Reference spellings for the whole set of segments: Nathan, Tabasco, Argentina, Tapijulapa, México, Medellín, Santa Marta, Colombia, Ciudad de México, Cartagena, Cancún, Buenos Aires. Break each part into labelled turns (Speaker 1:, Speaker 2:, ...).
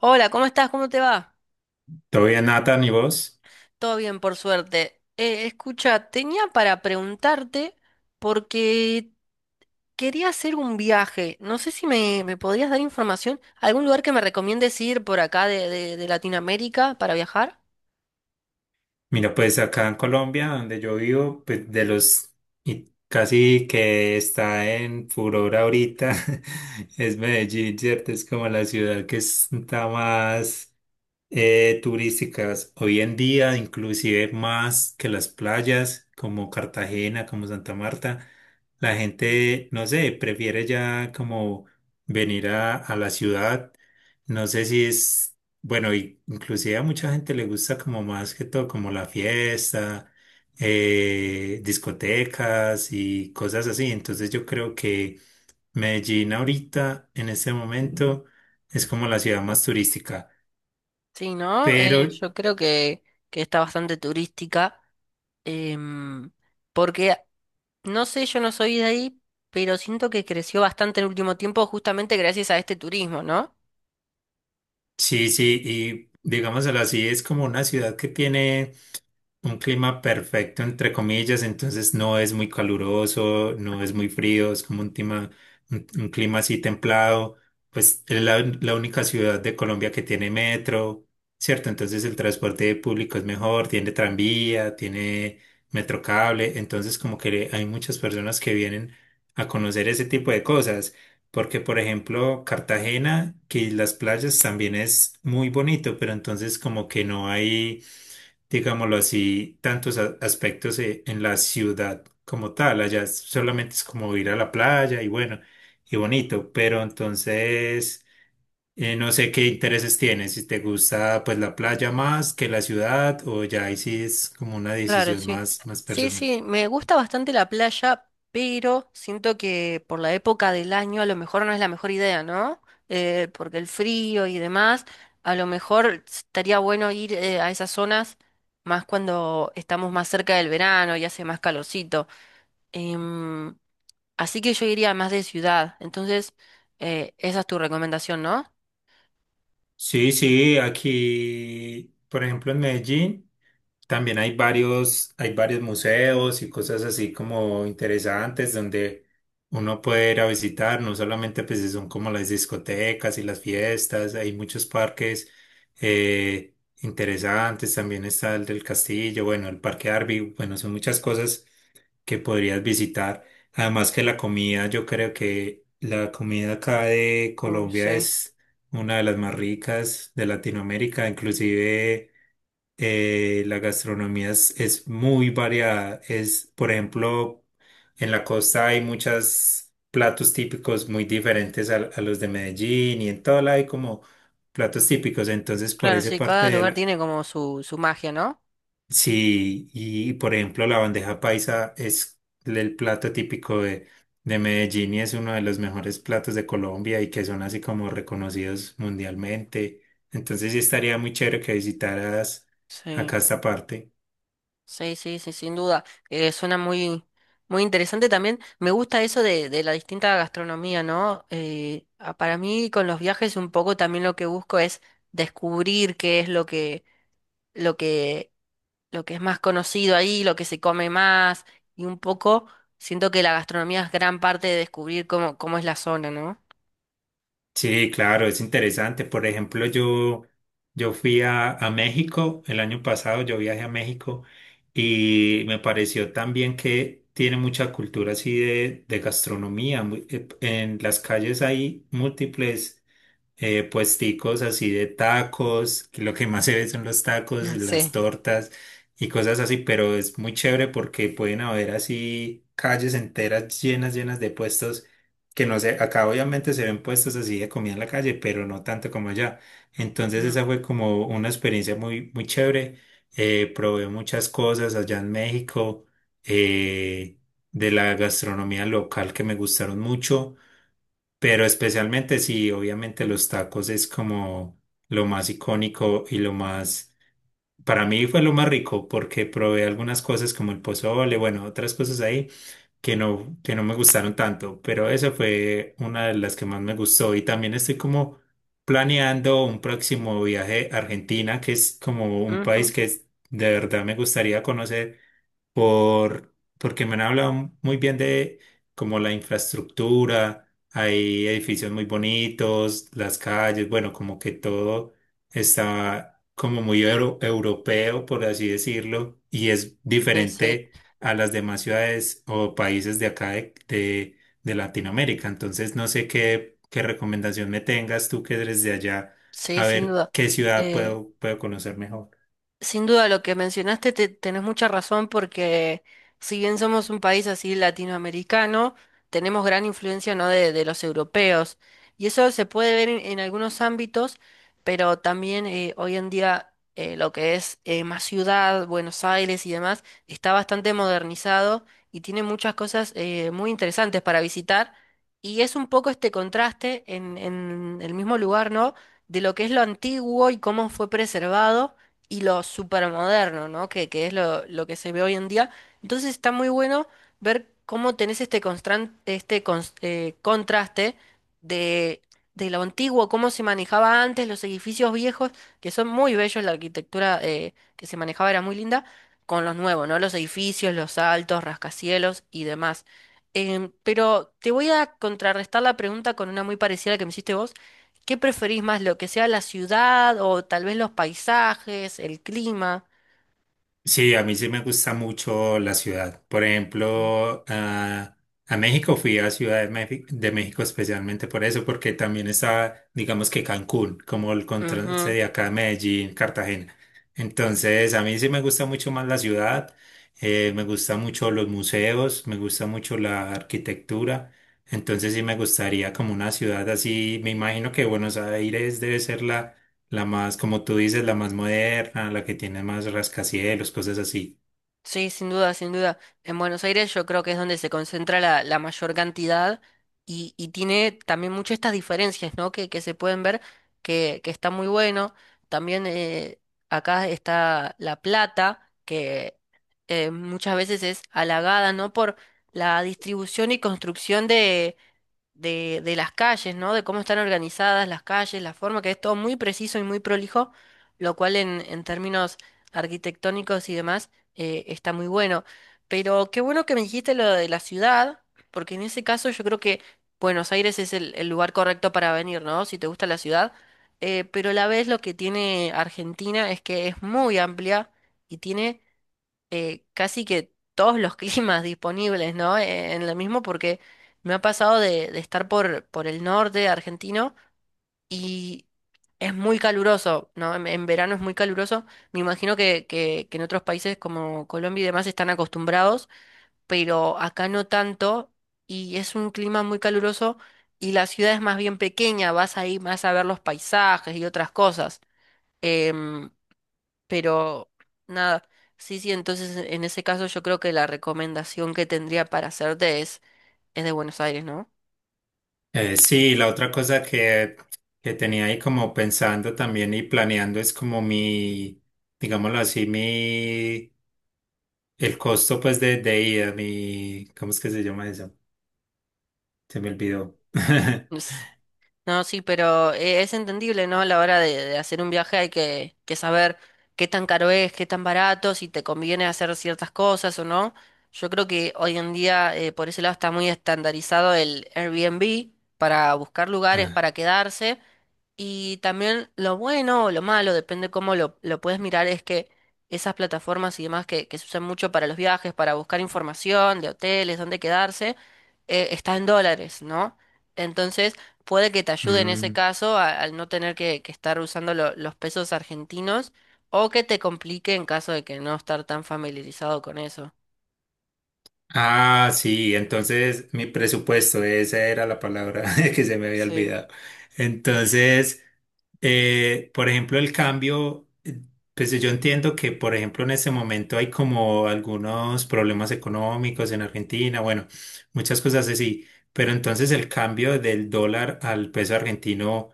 Speaker 1: Hola, ¿cómo estás? ¿Cómo te va?
Speaker 2: Todo bien, Nathan, ¿y vos?
Speaker 1: Todo bien, por suerte. Escucha, tenía para preguntarte porque quería hacer un viaje. No sé si me podrías dar información. ¿Algún lugar que me recomiendes ir por acá de Latinoamérica para viajar?
Speaker 2: Mira, pues acá en Colombia, donde yo vivo, pues de los, y casi que está en furor ahorita, es Medellín, ¿cierto? Es como la ciudad que está más turísticas hoy en día, inclusive más que las playas como Cartagena, como Santa Marta, la gente, no sé, prefiere ya como venir a la ciudad. No sé si es, bueno, y inclusive a mucha gente le gusta como más que todo, como la fiesta, discotecas y cosas así. Entonces yo creo que Medellín ahorita, en este momento, es como la ciudad más turística.
Speaker 1: Sí, ¿no?
Speaker 2: Pero
Speaker 1: Yo creo que está bastante turística. em, Porque, no sé, yo no soy de ahí, pero siento que creció bastante en el último tiempo justamente gracias a este turismo, ¿no?
Speaker 2: Sí, sí, y digámoslo así, es como una ciudad que tiene... Un clima perfecto, entre comillas, entonces no es muy caluroso, no es muy frío, es como un clima, un clima así templado. Pues es la, la única ciudad de Colombia que tiene metro, ¿cierto? Entonces el transporte público es mejor, tiene tranvía, tiene metrocable, entonces como que hay muchas personas que vienen a conocer ese tipo de cosas, porque por ejemplo Cartagena, que las playas también es muy bonito, pero entonces como que no hay digámoslo así, tantos aspectos en la ciudad como tal. Allá solamente es como ir a la playa y bueno, y bonito, pero entonces no sé qué intereses tienes, si te gusta pues la playa más que la ciudad o ya ahí sí es como una
Speaker 1: Claro,
Speaker 2: decisión
Speaker 1: sí.
Speaker 2: más, más
Speaker 1: Sí,
Speaker 2: personal.
Speaker 1: sí, me gusta bastante la playa, pero siento que por la época del año a lo mejor no es la mejor idea, ¿no? Porque el frío y demás, a lo mejor estaría bueno ir a esas zonas más cuando estamos más cerca del verano y hace más calorcito. Em, Así que yo iría más de ciudad, entonces esa es tu recomendación, ¿no?
Speaker 2: Sí, sí, aquí, por ejemplo, en Medellín. También hay varios museos y cosas así como interesantes donde uno puede ir a visitar, no solamente pues si son como las discotecas y las fiestas, hay muchos parques eh, interesantes, también está el del castillo, bueno, el parque Arby, bueno, son muchas cosas que podrías visitar. Además que la comida, yo creo que la comida acá de
Speaker 1: Uy,
Speaker 2: Colombia
Speaker 1: sí.
Speaker 2: es una de las más ricas de Latinoamérica, inclusive la gastronomía es muy variada. Es, por ejemplo, en la costa hay muchos platos típicos muy diferentes a los de Medellín y en todo lado hay como platos típicos. Entonces, por
Speaker 1: Claro,
Speaker 2: esa
Speaker 1: sí,
Speaker 2: parte
Speaker 1: cada
Speaker 2: de
Speaker 1: lugar
Speaker 2: la...
Speaker 1: tiene como su magia, ¿no?
Speaker 2: Sí, y por ejemplo, la bandeja paisa es el plato típico de Medellín y es uno de los mejores platos de Colombia y que son así como reconocidos mundialmente. Entonces, sí estaría muy chévere que visitaras
Speaker 1: Sí.
Speaker 2: acá esta parte.
Speaker 1: Sí, sí, sí, sin duda. Suena muy interesante también. Me gusta eso de la distinta gastronomía, ¿no? Para mí con los viajes un poco también lo que busco es descubrir qué es lo que, lo que es más conocido ahí, lo que se come más, y un poco siento que la gastronomía es gran parte de descubrir cómo es la zona, ¿no?
Speaker 2: Sí, claro, es interesante. Por ejemplo, yo fui a México el año pasado, yo viajé a México y me pareció también que tiene mucha cultura así de gastronomía. En las calles hay múltiples puesticos así de tacos, que lo que más se ve son los tacos,
Speaker 1: Mm.
Speaker 2: las
Speaker 1: Sí.
Speaker 2: tortas y cosas así, pero es muy chévere porque pueden haber así calles enteras llenas, llenas de puestos que no sé, acá obviamente se ven puestos así de comida en la calle, pero no tanto como allá. Entonces
Speaker 1: Mm.
Speaker 2: esa fue como una experiencia muy, muy chévere. Probé muchas cosas allá en México, eh, de la gastronomía local que me gustaron mucho. Pero especialmente sí, obviamente los tacos es como lo más icónico y lo más, para mí fue lo más rico porque probé algunas cosas como el pozole, bueno, otras cosas ahí que no me gustaron tanto, pero esa fue una de las que más me gustó y también estoy como planeando un próximo viaje a Argentina, que es como un
Speaker 1: Ujú.
Speaker 2: país que de verdad me gustaría conocer porque me han hablado muy bien de como la infraestructura, hay edificios muy bonitos, las calles, bueno, como que todo está como muy europeo, por así decirlo, y es
Speaker 1: Sí,
Speaker 2: diferente a las demás ciudades o países de acá de Latinoamérica. Entonces, no sé qué, qué recomendación me tengas tú que eres de allá,
Speaker 1: sí,
Speaker 2: a
Speaker 1: sin
Speaker 2: ver
Speaker 1: duda.
Speaker 2: qué ciudad
Speaker 1: Eh,
Speaker 2: puedo, puedo conocer mejor.
Speaker 1: Sin duda, lo que mencionaste, tenés mucha razón porque si bien somos un país así latinoamericano, tenemos gran influencia, ¿no?, de los europeos. Y eso se puede ver en algunos ámbitos, pero también hoy en día lo que es más ciudad, Buenos Aires y demás, está bastante modernizado y tiene muchas cosas muy interesantes para visitar. Y es un poco este contraste en el mismo lugar, ¿no? De lo que es lo antiguo y cómo fue preservado y lo supermoderno, ¿no? Que es lo que se ve hoy en día. Entonces está muy bueno ver cómo tenés este contraste de, de lo antiguo, cómo se manejaba antes, los edificios viejos, que son muy bellos, la arquitectura que se manejaba era muy linda, con los nuevos, ¿no? Los edificios, los altos, rascacielos y demás. Pero te voy a contrarrestar la pregunta con una muy parecida a la que me hiciste vos. ¿Qué preferís más, lo que sea la ciudad o tal vez los paisajes, el clima?
Speaker 2: Sí, a mí sí me gusta mucho la ciudad. Por ejemplo, a México fui a Ciudad de México especialmente por eso, porque también está, digamos que Cancún, como el contraste
Speaker 1: Ujú.
Speaker 2: de acá de Medellín, Cartagena. Entonces, a mí sí me gusta mucho más la ciudad, me gusta mucho los museos, me gusta mucho la arquitectura. Entonces, sí me gustaría como una ciudad así. Me imagino que Buenos Aires debe ser la la más, como tú dices, la más moderna, la que tiene más rascacielos, cosas así.
Speaker 1: Sí, sin duda, sin duda. En Buenos Aires yo creo que es donde se concentra la mayor cantidad y tiene también muchas estas diferencias, ¿no? Que se pueden ver, que está muy bueno. También acá está La Plata, que muchas veces es halagada, ¿no? Por la distribución y construcción de las calles, ¿no? De cómo están organizadas las calles, la forma, que es todo muy preciso y muy prolijo, lo cual en términos arquitectónicos y demás está muy bueno. Pero qué bueno que me dijiste lo de la ciudad, porque en ese caso yo creo que Buenos Aires es el lugar correcto para venir, ¿no? Si te gusta la ciudad. Pero a la vez lo que tiene Argentina es que es muy amplia y tiene casi que todos los climas disponibles, ¿no? En lo mismo porque me ha pasado de estar por el norte argentino y es muy caluroso, ¿no? En verano es muy caluroso. Me imagino que en otros países como Colombia y demás están acostumbrados, pero acá no tanto y es un clima muy caluroso y la ciudad es más bien pequeña, vas ahí más a ver los paisajes y otras cosas. Em, pero nada, sí, sí, entonces en ese caso yo creo que la recomendación que tendría para hacerte es de Buenos Aires, ¿no?
Speaker 2: Sí, la otra cosa que tenía ahí como pensando también y planeando es como mi, digámoslo así, mi, el costo pues de ida, mi, ¿cómo es que se llama eso? Se me olvidó.
Speaker 1: No, sí, pero es entendible, ¿no? A la hora de hacer un viaje hay que saber qué tan caro es, qué tan barato, si te conviene hacer ciertas cosas o no. Yo creo que hoy en día por ese lado está muy estandarizado el Airbnb para buscar lugares para
Speaker 2: Ah,
Speaker 1: quedarse. Y también lo bueno o lo malo, depende cómo lo puedes mirar, es que esas plataformas y demás que se usan mucho para los viajes, para buscar información de hoteles, dónde quedarse, está en dólares, ¿no? Entonces, puede que te ayude en ese
Speaker 2: mm,
Speaker 1: caso al no tener que estar usando los pesos argentinos o que te complique en caso de que no estar tan familiarizado con eso.
Speaker 2: Ah, sí, entonces mi presupuesto, esa era la palabra que se me había
Speaker 1: Sí.
Speaker 2: olvidado. Entonces, por ejemplo, el cambio, pues yo entiendo que, por ejemplo, en este momento hay como algunos problemas económicos en Argentina, bueno, muchas cosas así, pero entonces el cambio del dólar al peso argentino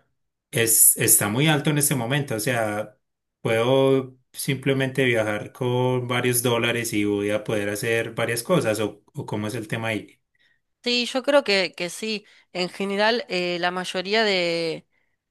Speaker 2: es, está muy alto en este momento, o sea... Puedo simplemente viajar con varios dólares y voy a poder hacer varias cosas, o cómo es el tema ahí.
Speaker 1: Sí, yo creo que sí. En general, la mayoría de,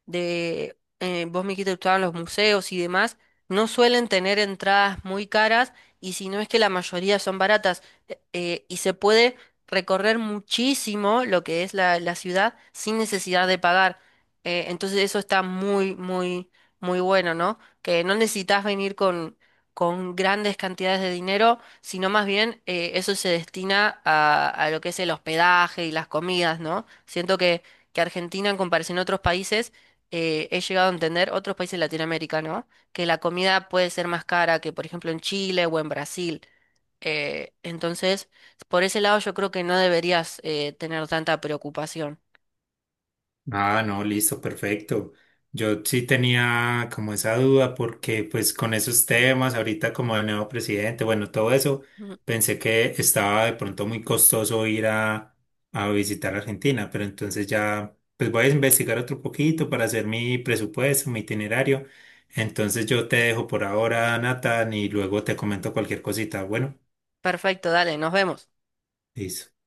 Speaker 1: de eh, vos me dijiste que gustaban los museos y demás, no suelen tener entradas muy caras y si no es que la mayoría son baratas, y se puede recorrer muchísimo lo que es la ciudad sin necesidad de pagar. Entonces eso está muy bueno, ¿no? Que no necesitas venir con grandes cantidades de dinero sino más bien eso se destina a lo que es el hospedaje y las comidas, ¿no? Siento que Argentina, en comparación a otros países, he llegado a entender, otros países de Latinoamérica, ¿no? Que la comida puede ser más cara que, por ejemplo, en Chile o en Brasil. Entonces, por ese lado yo creo que no deberías tener tanta preocupación.
Speaker 2: Ah, no, listo, perfecto. Yo sí tenía como esa duda porque pues con esos temas, ahorita como el nuevo presidente, bueno, todo eso,
Speaker 1: Ujú.
Speaker 2: pensé que estaba de pronto muy costoso ir a visitar Argentina, pero entonces ya pues voy a investigar otro poquito para hacer mi presupuesto, mi itinerario. Entonces yo te dejo por ahora, Nathan, y luego te comento cualquier cosita. Bueno,
Speaker 1: Perfecto, dale, nos vemos.
Speaker 2: listo.